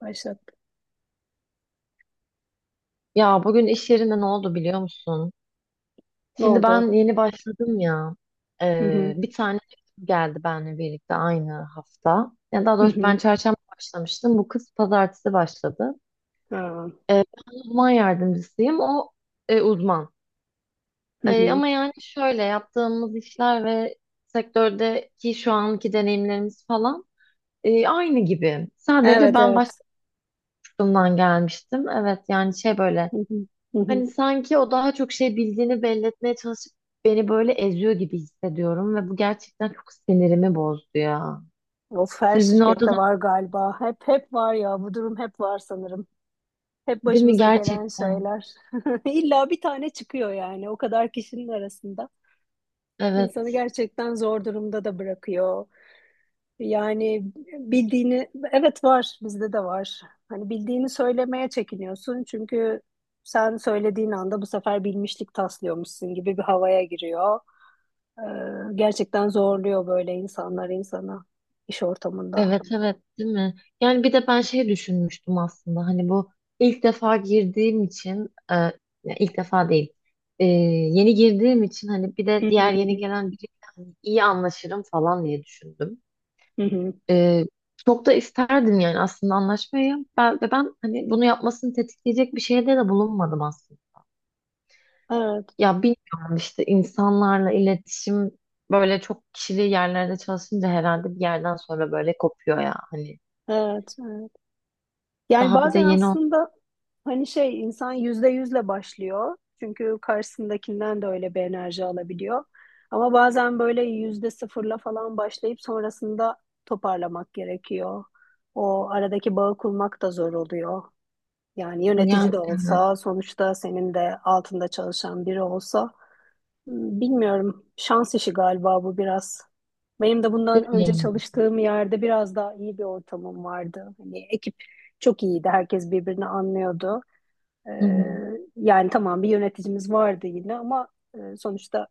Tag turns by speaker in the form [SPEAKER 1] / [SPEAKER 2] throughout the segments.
[SPEAKER 1] Başlat.
[SPEAKER 2] Ya bugün iş yerinde ne oldu biliyor musun?
[SPEAKER 1] Ne
[SPEAKER 2] Şimdi
[SPEAKER 1] oldu?
[SPEAKER 2] ben yeni başladım ya.
[SPEAKER 1] Hı hı.
[SPEAKER 2] Bir tane geldi benimle birlikte aynı hafta. Ya daha
[SPEAKER 1] Hı
[SPEAKER 2] doğrusu ben
[SPEAKER 1] hı.
[SPEAKER 2] çarşamba başlamıştım. Bu kız pazartesi başladı.
[SPEAKER 1] Ha.
[SPEAKER 2] Ben uzman yardımcısıyım. O uzman.
[SPEAKER 1] Hı hı.
[SPEAKER 2] Ama yani şöyle, yaptığımız işler ve sektördeki şu anki deneyimlerimiz falan aynı gibi. Sadece
[SPEAKER 1] Evet
[SPEAKER 2] ben başka
[SPEAKER 1] evet.
[SPEAKER 2] bir kurumdan gelmiştim. Evet yani şey, böyle
[SPEAKER 1] Hı hı. Hı hı.
[SPEAKER 2] hani sanki o daha çok şey bildiğini belli etmeye çalışıp beni böyle eziyor gibi hissediyorum ve bu gerçekten çok sinirimi bozdu ya.
[SPEAKER 1] Of, her
[SPEAKER 2] Sizin orada da
[SPEAKER 1] şirkette var galiba. Hep var ya, bu durum hep var sanırım. Hep
[SPEAKER 2] değil mi
[SPEAKER 1] başımıza gelen
[SPEAKER 2] gerçekten?
[SPEAKER 1] şeyler. İlla bir tane çıkıyor yani o kadar kişinin arasında.
[SPEAKER 2] Evet,
[SPEAKER 1] İnsanı gerçekten zor durumda da bırakıyor. Yani bildiğini, evet, var, bizde de var. Hani bildiğini söylemeye çekiniyorsun çünkü sen söylediğin anda bu sefer bilmişlik taslıyormuşsun gibi bir havaya giriyor. Ee, Gerçekten zorluyor böyle insanlar insana iş ortamında.
[SPEAKER 2] evet, evet, değil mi? Yani bir de ben şey düşünmüştüm aslında, hani bu ilk defa girdiğim için ya ilk defa değil, yeni girdiğim için hani bir
[SPEAKER 1] Hı
[SPEAKER 2] de
[SPEAKER 1] hı
[SPEAKER 2] diğer
[SPEAKER 1] hı
[SPEAKER 2] yeni
[SPEAKER 1] hı.
[SPEAKER 2] gelen biriyle hani iyi anlaşırım falan diye düşündüm.
[SPEAKER 1] Hı hı.
[SPEAKER 2] Ee, Çok da isterdim yani aslında anlaşmayı. Ve ben hani bunu yapmasını tetikleyecek bir şeyde de bulunmadım aslında.
[SPEAKER 1] Evet,
[SPEAKER 2] Ya bilmiyorum işte, insanlarla iletişim böyle çok kişili yerlerde çalışınca herhalde bir yerden sonra böyle kopuyor ya hani.
[SPEAKER 1] evet, evet. Yani
[SPEAKER 2] Daha bir de
[SPEAKER 1] bazen
[SPEAKER 2] yeni olsun
[SPEAKER 1] aslında hani şey, insan yüzde yüzle başlıyor. Çünkü karşısındakinden de öyle bir enerji alabiliyor. Ama bazen böyle yüzde sıfırla falan başlayıp sonrasında toparlamak gerekiyor. O aradaki bağı kurmak da zor oluyor. Yani yönetici
[SPEAKER 2] yani.
[SPEAKER 1] de olsa, sonuçta senin de altında çalışan biri olsa. Bilmiyorum. Şans işi galiba bu biraz. Benim de
[SPEAKER 2] Evet,
[SPEAKER 1] bundan
[SPEAKER 2] değil mi?
[SPEAKER 1] önce
[SPEAKER 2] Yani?
[SPEAKER 1] çalıştığım yerde biraz daha iyi bir ortamım vardı. Hani ekip çok iyiydi. Herkes birbirini anlıyordu. Ee,
[SPEAKER 2] Hı hı.
[SPEAKER 1] Yani tamam, bir yöneticimiz vardı yine ama sonuçta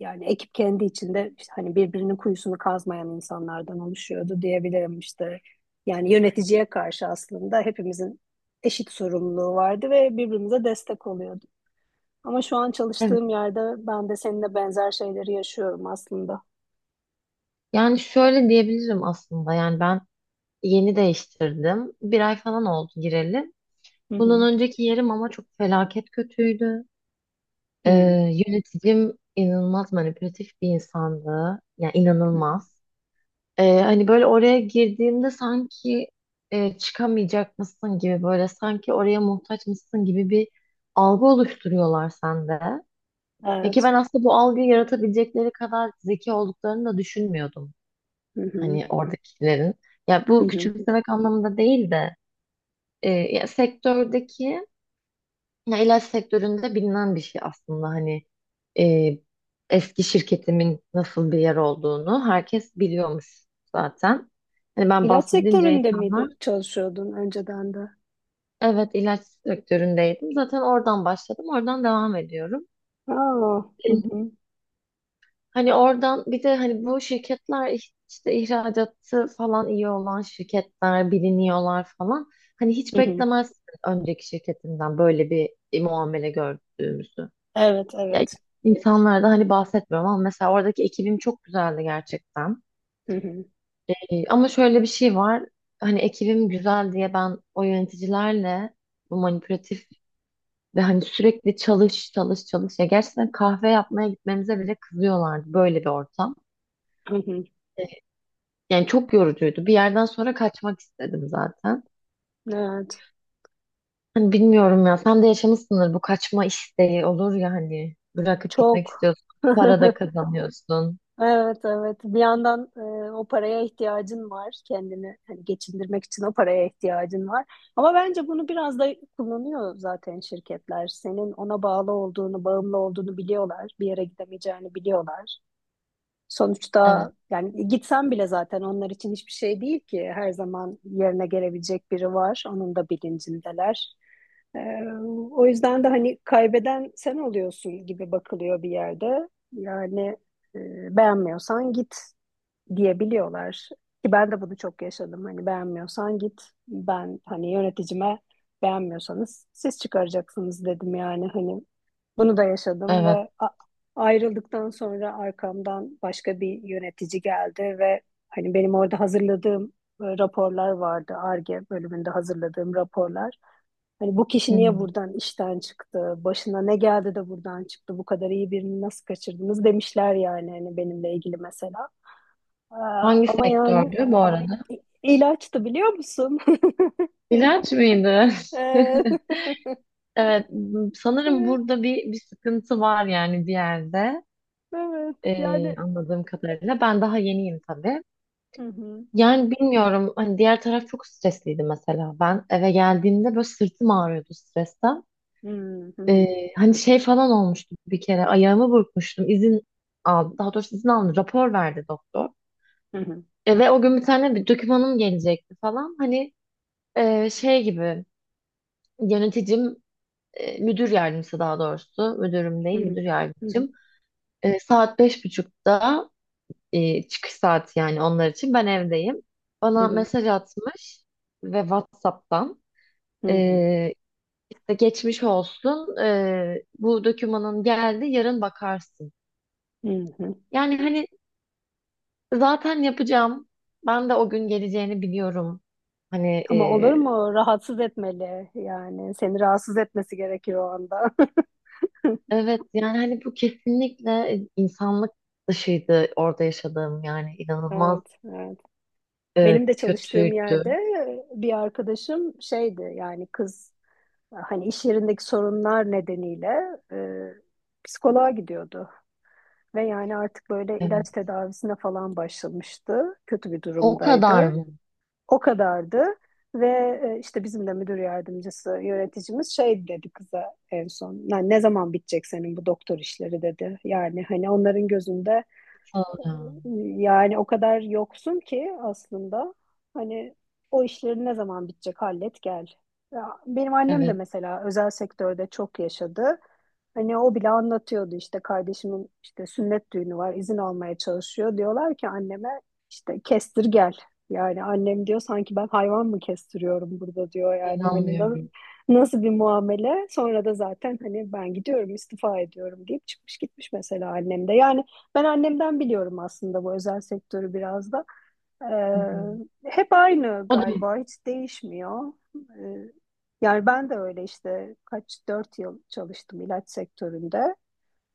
[SPEAKER 1] yani ekip kendi içinde işte hani birbirinin kuyusunu kazmayan insanlardan oluşuyordu diyebilirim işte. Yani yöneticiye karşı aslında hepimizin eşit sorumluluğu vardı ve birbirimize destek oluyorduk. Ama şu an
[SPEAKER 2] Evet.
[SPEAKER 1] çalıştığım yerde ben de seninle benzer şeyleri yaşıyorum aslında.
[SPEAKER 2] Yani şöyle diyebilirim aslında, yani ben yeni değiştirdim. Bir ay falan oldu gireli.
[SPEAKER 1] Hı hı.
[SPEAKER 2] Bundan önceki yerim ama çok felaket kötüydü.
[SPEAKER 1] Hı
[SPEAKER 2] Ee,
[SPEAKER 1] hı.
[SPEAKER 2] Yöneticim inanılmaz manipülatif bir insandı. Yani
[SPEAKER 1] Hı.
[SPEAKER 2] inanılmaz. Hani böyle oraya girdiğimde sanki çıkamayacak mısın gibi, böyle sanki oraya muhtaç mısın gibi bir algı oluşturuyorlar sende. Ya ki
[SPEAKER 1] Evet.
[SPEAKER 2] ben aslında bu algıyı yaratabilecekleri kadar zeki olduklarını da düşünmüyordum.
[SPEAKER 1] Hı hı.
[SPEAKER 2] Hani oradakilerin. Ya
[SPEAKER 1] Hı
[SPEAKER 2] bu
[SPEAKER 1] hı.
[SPEAKER 2] küçümsemek anlamında değil de ya sektördeki, ya ilaç sektöründe bilinen bir şey aslında, hani e, eski şirketimin nasıl bir yer olduğunu herkes biliyormuş zaten. Hani ben
[SPEAKER 1] İlaç
[SPEAKER 2] bahsedince
[SPEAKER 1] sektöründe
[SPEAKER 2] insanlar,
[SPEAKER 1] miydi çalışıyordun önceden de?
[SPEAKER 2] evet ilaç sektöründeydim, zaten oradan başladım, oradan devam ediyorum.
[SPEAKER 1] Aa.
[SPEAKER 2] E,
[SPEAKER 1] Hı hı.
[SPEAKER 2] hani oradan bir de hani bu şirketler işte ihracatı falan iyi olan şirketler, biliniyorlar falan. Hani hiç
[SPEAKER 1] Hı hı.
[SPEAKER 2] beklemez önceki şirketimden böyle bir muamele gördüğümüzü.
[SPEAKER 1] Evet,
[SPEAKER 2] Ya,
[SPEAKER 1] evet.
[SPEAKER 2] insanlardan hani bahsetmiyorum ama mesela oradaki ekibim çok güzeldi gerçekten.
[SPEAKER 1] Hı hı.
[SPEAKER 2] Ama şöyle bir şey var. Hani ekibim güzel diye ben o yöneticilerle, bu manipülatif ve hani sürekli çalış çalış çalış. Ya gerçekten kahve yapmaya gitmemize bile kızıyorlardı, böyle bir ortam.
[SPEAKER 1] Hı hı.
[SPEAKER 2] Ee, Yani çok yorucuydu. Bir yerden sonra kaçmak istedim zaten.
[SPEAKER 1] Evet.
[SPEAKER 2] Hani bilmiyorum ya, sen de yaşamışsındır, bu kaçma isteği olur ya hani, bırakıp gitmek
[SPEAKER 1] Çok.
[SPEAKER 2] istiyorsun. Para da kazanıyorsun.
[SPEAKER 1] Evet evet, bir yandan o paraya ihtiyacın var, kendini hani geçindirmek için o paraya ihtiyacın var, ama bence bunu biraz da kullanıyor zaten şirketler. Senin ona bağlı olduğunu, bağımlı olduğunu biliyorlar, bir yere gidemeyeceğini biliyorlar.
[SPEAKER 2] Evet,
[SPEAKER 1] Sonuçta yani gitsem bile zaten onlar için hiçbir şey değil ki. Her zaman yerine gelebilecek biri var. Onun da bilincindeler. Ee, O yüzden de hani kaybeden sen oluyorsun gibi bakılıyor bir yerde. Yani e, beğenmiyorsan git diyebiliyorlar. Ki ben de bunu çok yaşadım. Hani beğenmiyorsan git. Ben hani yöneticime beğenmiyorsanız siz çıkaracaksınız dedim yani. Hani bunu da yaşadım
[SPEAKER 2] evet.
[SPEAKER 1] ve ayrıldıktan sonra arkamdan başka bir yönetici geldi ve hani benim orada hazırladığım raporlar vardı. Ar-Ge bölümünde hazırladığım raporlar. Hani bu
[SPEAKER 2] Hı
[SPEAKER 1] kişi niye
[SPEAKER 2] hı.
[SPEAKER 1] buradan işten çıktı? Başına ne geldi de buradan çıktı? Bu kadar iyi birini nasıl kaçırdınız demişler yani hani benimle ilgili mesela. Aa,
[SPEAKER 2] Hangi
[SPEAKER 1] ama yani
[SPEAKER 2] sektördü bu arada?
[SPEAKER 1] ilaçtı, biliyor musun?
[SPEAKER 2] İlaç mıydı?
[SPEAKER 1] Ee,
[SPEAKER 2] Evet, sanırım burada bir sıkıntı var, yani bir yerde.
[SPEAKER 1] Evet yani.
[SPEAKER 2] Anladığım kadarıyla. Ben daha yeniyim tabii.
[SPEAKER 1] Hı hı.
[SPEAKER 2] Yani bilmiyorum, hani diğer taraf çok stresliydi mesela. Ben eve geldiğimde böyle sırtım ağrıyordu stresten.
[SPEAKER 1] Hı hı
[SPEAKER 2] Ee,
[SPEAKER 1] hı.
[SPEAKER 2] Hani şey falan olmuştu, bir kere ayağımı burkmuştum. İzin aldım. Daha doğrusu izin aldım. Rapor verdi doktor.
[SPEAKER 1] Hı hı.
[SPEAKER 2] E, ve o gün bir tane bir dokümanım gelecekti falan. Hani şey gibi, yöneticim, müdür yardımcısı, daha doğrusu müdürüm
[SPEAKER 1] Hı
[SPEAKER 2] değil
[SPEAKER 1] hı.
[SPEAKER 2] müdür
[SPEAKER 1] Hı hı.
[SPEAKER 2] yardımcım, e, saat beş buçukta çıkış saati yani onlar için, ben evdeyim,
[SPEAKER 1] Hı
[SPEAKER 2] bana
[SPEAKER 1] hı.
[SPEAKER 2] mesaj atmış ve WhatsApp'tan
[SPEAKER 1] Hı hı.
[SPEAKER 2] e, işte geçmiş olsun, e, bu dokümanın geldi yarın bakarsın,
[SPEAKER 1] Hı.
[SPEAKER 2] yani hani zaten yapacağım, ben de o gün geleceğini biliyorum hani,
[SPEAKER 1] Ama olur mu? Rahatsız etmeli yani. Seni rahatsız etmesi gerekiyor o anda.
[SPEAKER 2] evet yani hani bu kesinlikle insanlık dışıydı orada yaşadığım, yani inanılmaz.
[SPEAKER 1] Evet, evet.
[SPEAKER 2] Evet,
[SPEAKER 1] Benim de çalıştığım
[SPEAKER 2] kötüydü.
[SPEAKER 1] yerde bir arkadaşım şeydi yani, kız hani iş yerindeki sorunlar nedeniyle e, psikoloğa gidiyordu. Ve yani artık böyle
[SPEAKER 2] Evet.
[SPEAKER 1] ilaç tedavisine falan başlamıştı. Kötü bir
[SPEAKER 2] O kadar
[SPEAKER 1] durumdaydı.
[SPEAKER 2] mı?
[SPEAKER 1] O kadardı. Ve işte bizim de müdür yardımcısı, yöneticimiz şey dedi kıza en son. Yani ne zaman bitecek senin bu doktor işleri dedi. Yani hani onların gözünde
[SPEAKER 2] Aa,
[SPEAKER 1] yani o kadar yoksun ki aslında, hani o işlerin ne zaman bitecek, hallet gel. Ya benim annem de
[SPEAKER 2] evet,
[SPEAKER 1] mesela özel sektörde çok yaşadı. Hani o bile anlatıyordu, işte kardeşimin işte sünnet düğünü var, izin almaya çalışıyor. Diyorlar ki anneme işte kestir gel. Yani annem diyor sanki ben hayvan mı kestiriyorum burada diyor yani hani
[SPEAKER 2] inanmıyorum.
[SPEAKER 1] nasıl bir muamele. Sonra da zaten hani ben gidiyorum istifa ediyorum deyip çıkmış gitmiş mesela annem de. Yani ben annemden biliyorum aslında bu özel sektörü biraz da.
[SPEAKER 2] Hı hı.
[SPEAKER 1] Hep aynı
[SPEAKER 2] O da
[SPEAKER 1] galiba, hiç değişmiyor. Yani ben de öyle, işte kaç, dört yıl çalıştım ilaç sektöründe.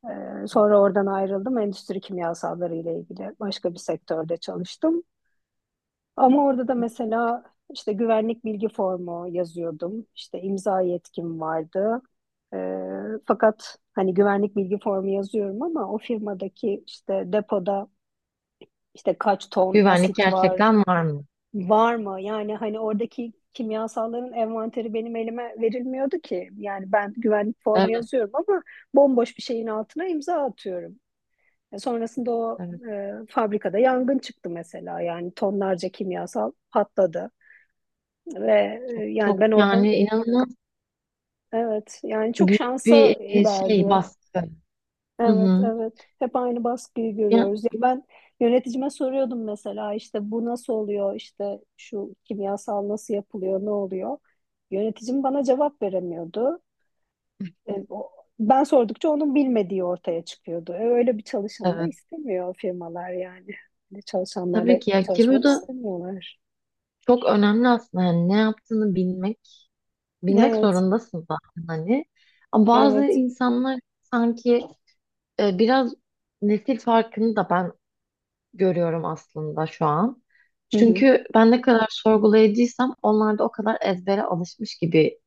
[SPEAKER 1] Sonra oradan ayrıldım. Endüstri kimyasalları ile ilgili başka bir sektörde çalıştım. Ama orada da mesela işte güvenlik bilgi formu yazıyordum. İşte imza yetkim vardı. Ee, Fakat hani güvenlik bilgi formu yazıyorum ama o firmadaki işte depoda işte kaç ton
[SPEAKER 2] güvenlik
[SPEAKER 1] asit var,
[SPEAKER 2] gerçekten var mı?
[SPEAKER 1] var mı? Yani hani oradaki kimyasalların envanteri benim elime verilmiyordu ki. Yani ben güvenlik formu
[SPEAKER 2] Evet,
[SPEAKER 1] yazıyorum ama bomboş bir şeyin altına imza atıyorum. Sonrasında o
[SPEAKER 2] evet.
[SPEAKER 1] fabrikada yangın çıktı mesela. Yani tonlarca kimyasal patladı ve
[SPEAKER 2] Çok
[SPEAKER 1] yani ben
[SPEAKER 2] çok,
[SPEAKER 1] oradan,
[SPEAKER 2] yani inanılmaz
[SPEAKER 1] evet yani çok
[SPEAKER 2] büyük
[SPEAKER 1] şansa
[SPEAKER 2] bir şey,
[SPEAKER 1] ilerliyor.
[SPEAKER 2] baskı. Hı
[SPEAKER 1] Evet,
[SPEAKER 2] hı.
[SPEAKER 1] evet. Hep aynı baskıyı
[SPEAKER 2] Ya,
[SPEAKER 1] görüyoruz. Ya ben yöneticime soruyordum mesela, işte bu nasıl oluyor, işte şu kimyasal nasıl yapılıyor, ne oluyor? Yöneticim bana cevap veremiyordu. E, o- Ben sordukça onun bilmediği ortaya çıkıyordu. Öyle bir çalışan da
[SPEAKER 2] evet.
[SPEAKER 1] istemiyor firmalar yani. Öyle
[SPEAKER 2] Tabii
[SPEAKER 1] çalışanlarla
[SPEAKER 2] ki ya, ki bu
[SPEAKER 1] çalışmak
[SPEAKER 2] da
[SPEAKER 1] istemiyorlar.
[SPEAKER 2] çok önemli aslında. Yani ne yaptığını bilmek, bilmek
[SPEAKER 1] Evet,
[SPEAKER 2] zorundasın zaten hani. Ama bazı
[SPEAKER 1] evet.
[SPEAKER 2] insanlar sanki biraz nesil farkını da ben görüyorum aslında şu an.
[SPEAKER 1] Hı hı.
[SPEAKER 2] Çünkü ben ne kadar sorgulayıcıysam, onlar da o kadar ezbere alışmış gibi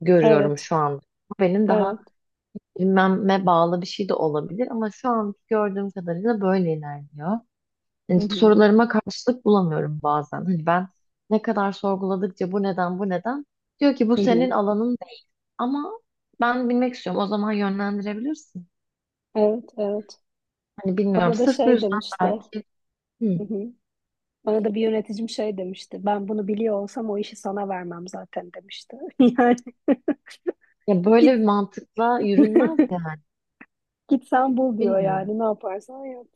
[SPEAKER 2] görüyorum
[SPEAKER 1] Evet,
[SPEAKER 2] şu an. Bu benim daha
[SPEAKER 1] evet.
[SPEAKER 2] bilmeme bağlı bir şey de olabilir, ama şu an gördüğüm kadarıyla böyle ilerliyor. Yani
[SPEAKER 1] Hı hı.
[SPEAKER 2] sorularıma karşılık bulamıyorum bazen. Hani ben ne kadar sorguladıkça bu neden bu neden, diyor ki bu
[SPEAKER 1] Hı hı.
[SPEAKER 2] senin alanın değil, ama ben bilmek istiyorum, o zaman yönlendirebilirsin.
[SPEAKER 1] Evet, evet.
[SPEAKER 2] Hani bilmiyorum,
[SPEAKER 1] Bana da
[SPEAKER 2] sırf bu
[SPEAKER 1] şey
[SPEAKER 2] yüzden
[SPEAKER 1] demişti.
[SPEAKER 2] belki. Hı.
[SPEAKER 1] Hı hı. Bana da bir yöneticim şey demişti. Ben bunu biliyor olsam o işi sana vermem zaten demişti. Yani
[SPEAKER 2] Ya böyle bir
[SPEAKER 1] git,
[SPEAKER 2] mantıkla yürünmez yani.
[SPEAKER 1] git sen bul diyor
[SPEAKER 2] Bilmiyorum.
[SPEAKER 1] yani ne yaparsan yap.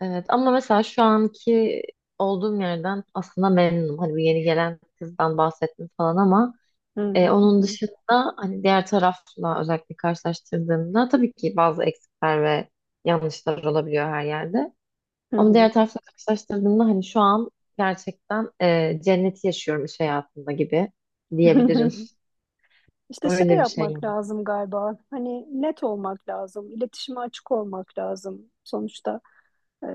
[SPEAKER 2] Evet, ama mesela şu anki olduğum yerden aslında memnunum. Hani bu yeni gelen kızdan bahsettim falan, ama
[SPEAKER 1] Hı hı
[SPEAKER 2] onun
[SPEAKER 1] hı
[SPEAKER 2] dışında hani diğer tarafla özellikle karşılaştırdığımda tabii ki bazı eksikler ve yanlışlar olabiliyor her yerde. Ama
[SPEAKER 1] hı
[SPEAKER 2] diğer tarafla karşılaştırdığımda hani şu an gerçekten cenneti yaşıyorum iş hayatında gibi
[SPEAKER 1] hı
[SPEAKER 2] diyebilirim.
[SPEAKER 1] hı. İşte şey
[SPEAKER 2] Öyle bir şey yani.
[SPEAKER 1] yapmak lazım galiba. Hani net olmak lazım. İletişime açık olmak lazım sonuçta. Ee,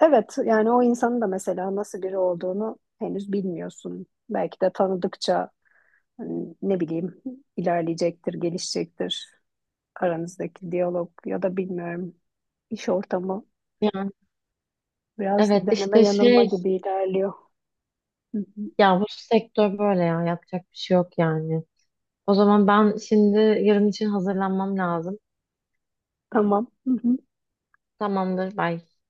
[SPEAKER 1] evet yani o insanın da mesela nasıl biri olduğunu henüz bilmiyorsun. Belki de tanıdıkça, hani ne bileyim, ilerleyecektir, gelişecektir. Aranızdaki diyalog ya da bilmiyorum, iş ortamı
[SPEAKER 2] Yani
[SPEAKER 1] biraz
[SPEAKER 2] evet
[SPEAKER 1] deneme
[SPEAKER 2] işte
[SPEAKER 1] yanılma
[SPEAKER 2] şey,
[SPEAKER 1] gibi ilerliyor. Hı hı.
[SPEAKER 2] ya bu sektör böyle ya, yapacak bir şey yok yani. O zaman ben şimdi yarın için hazırlanmam lazım.
[SPEAKER 1] Tamam. Hı hı.
[SPEAKER 2] Tamamdır. Belki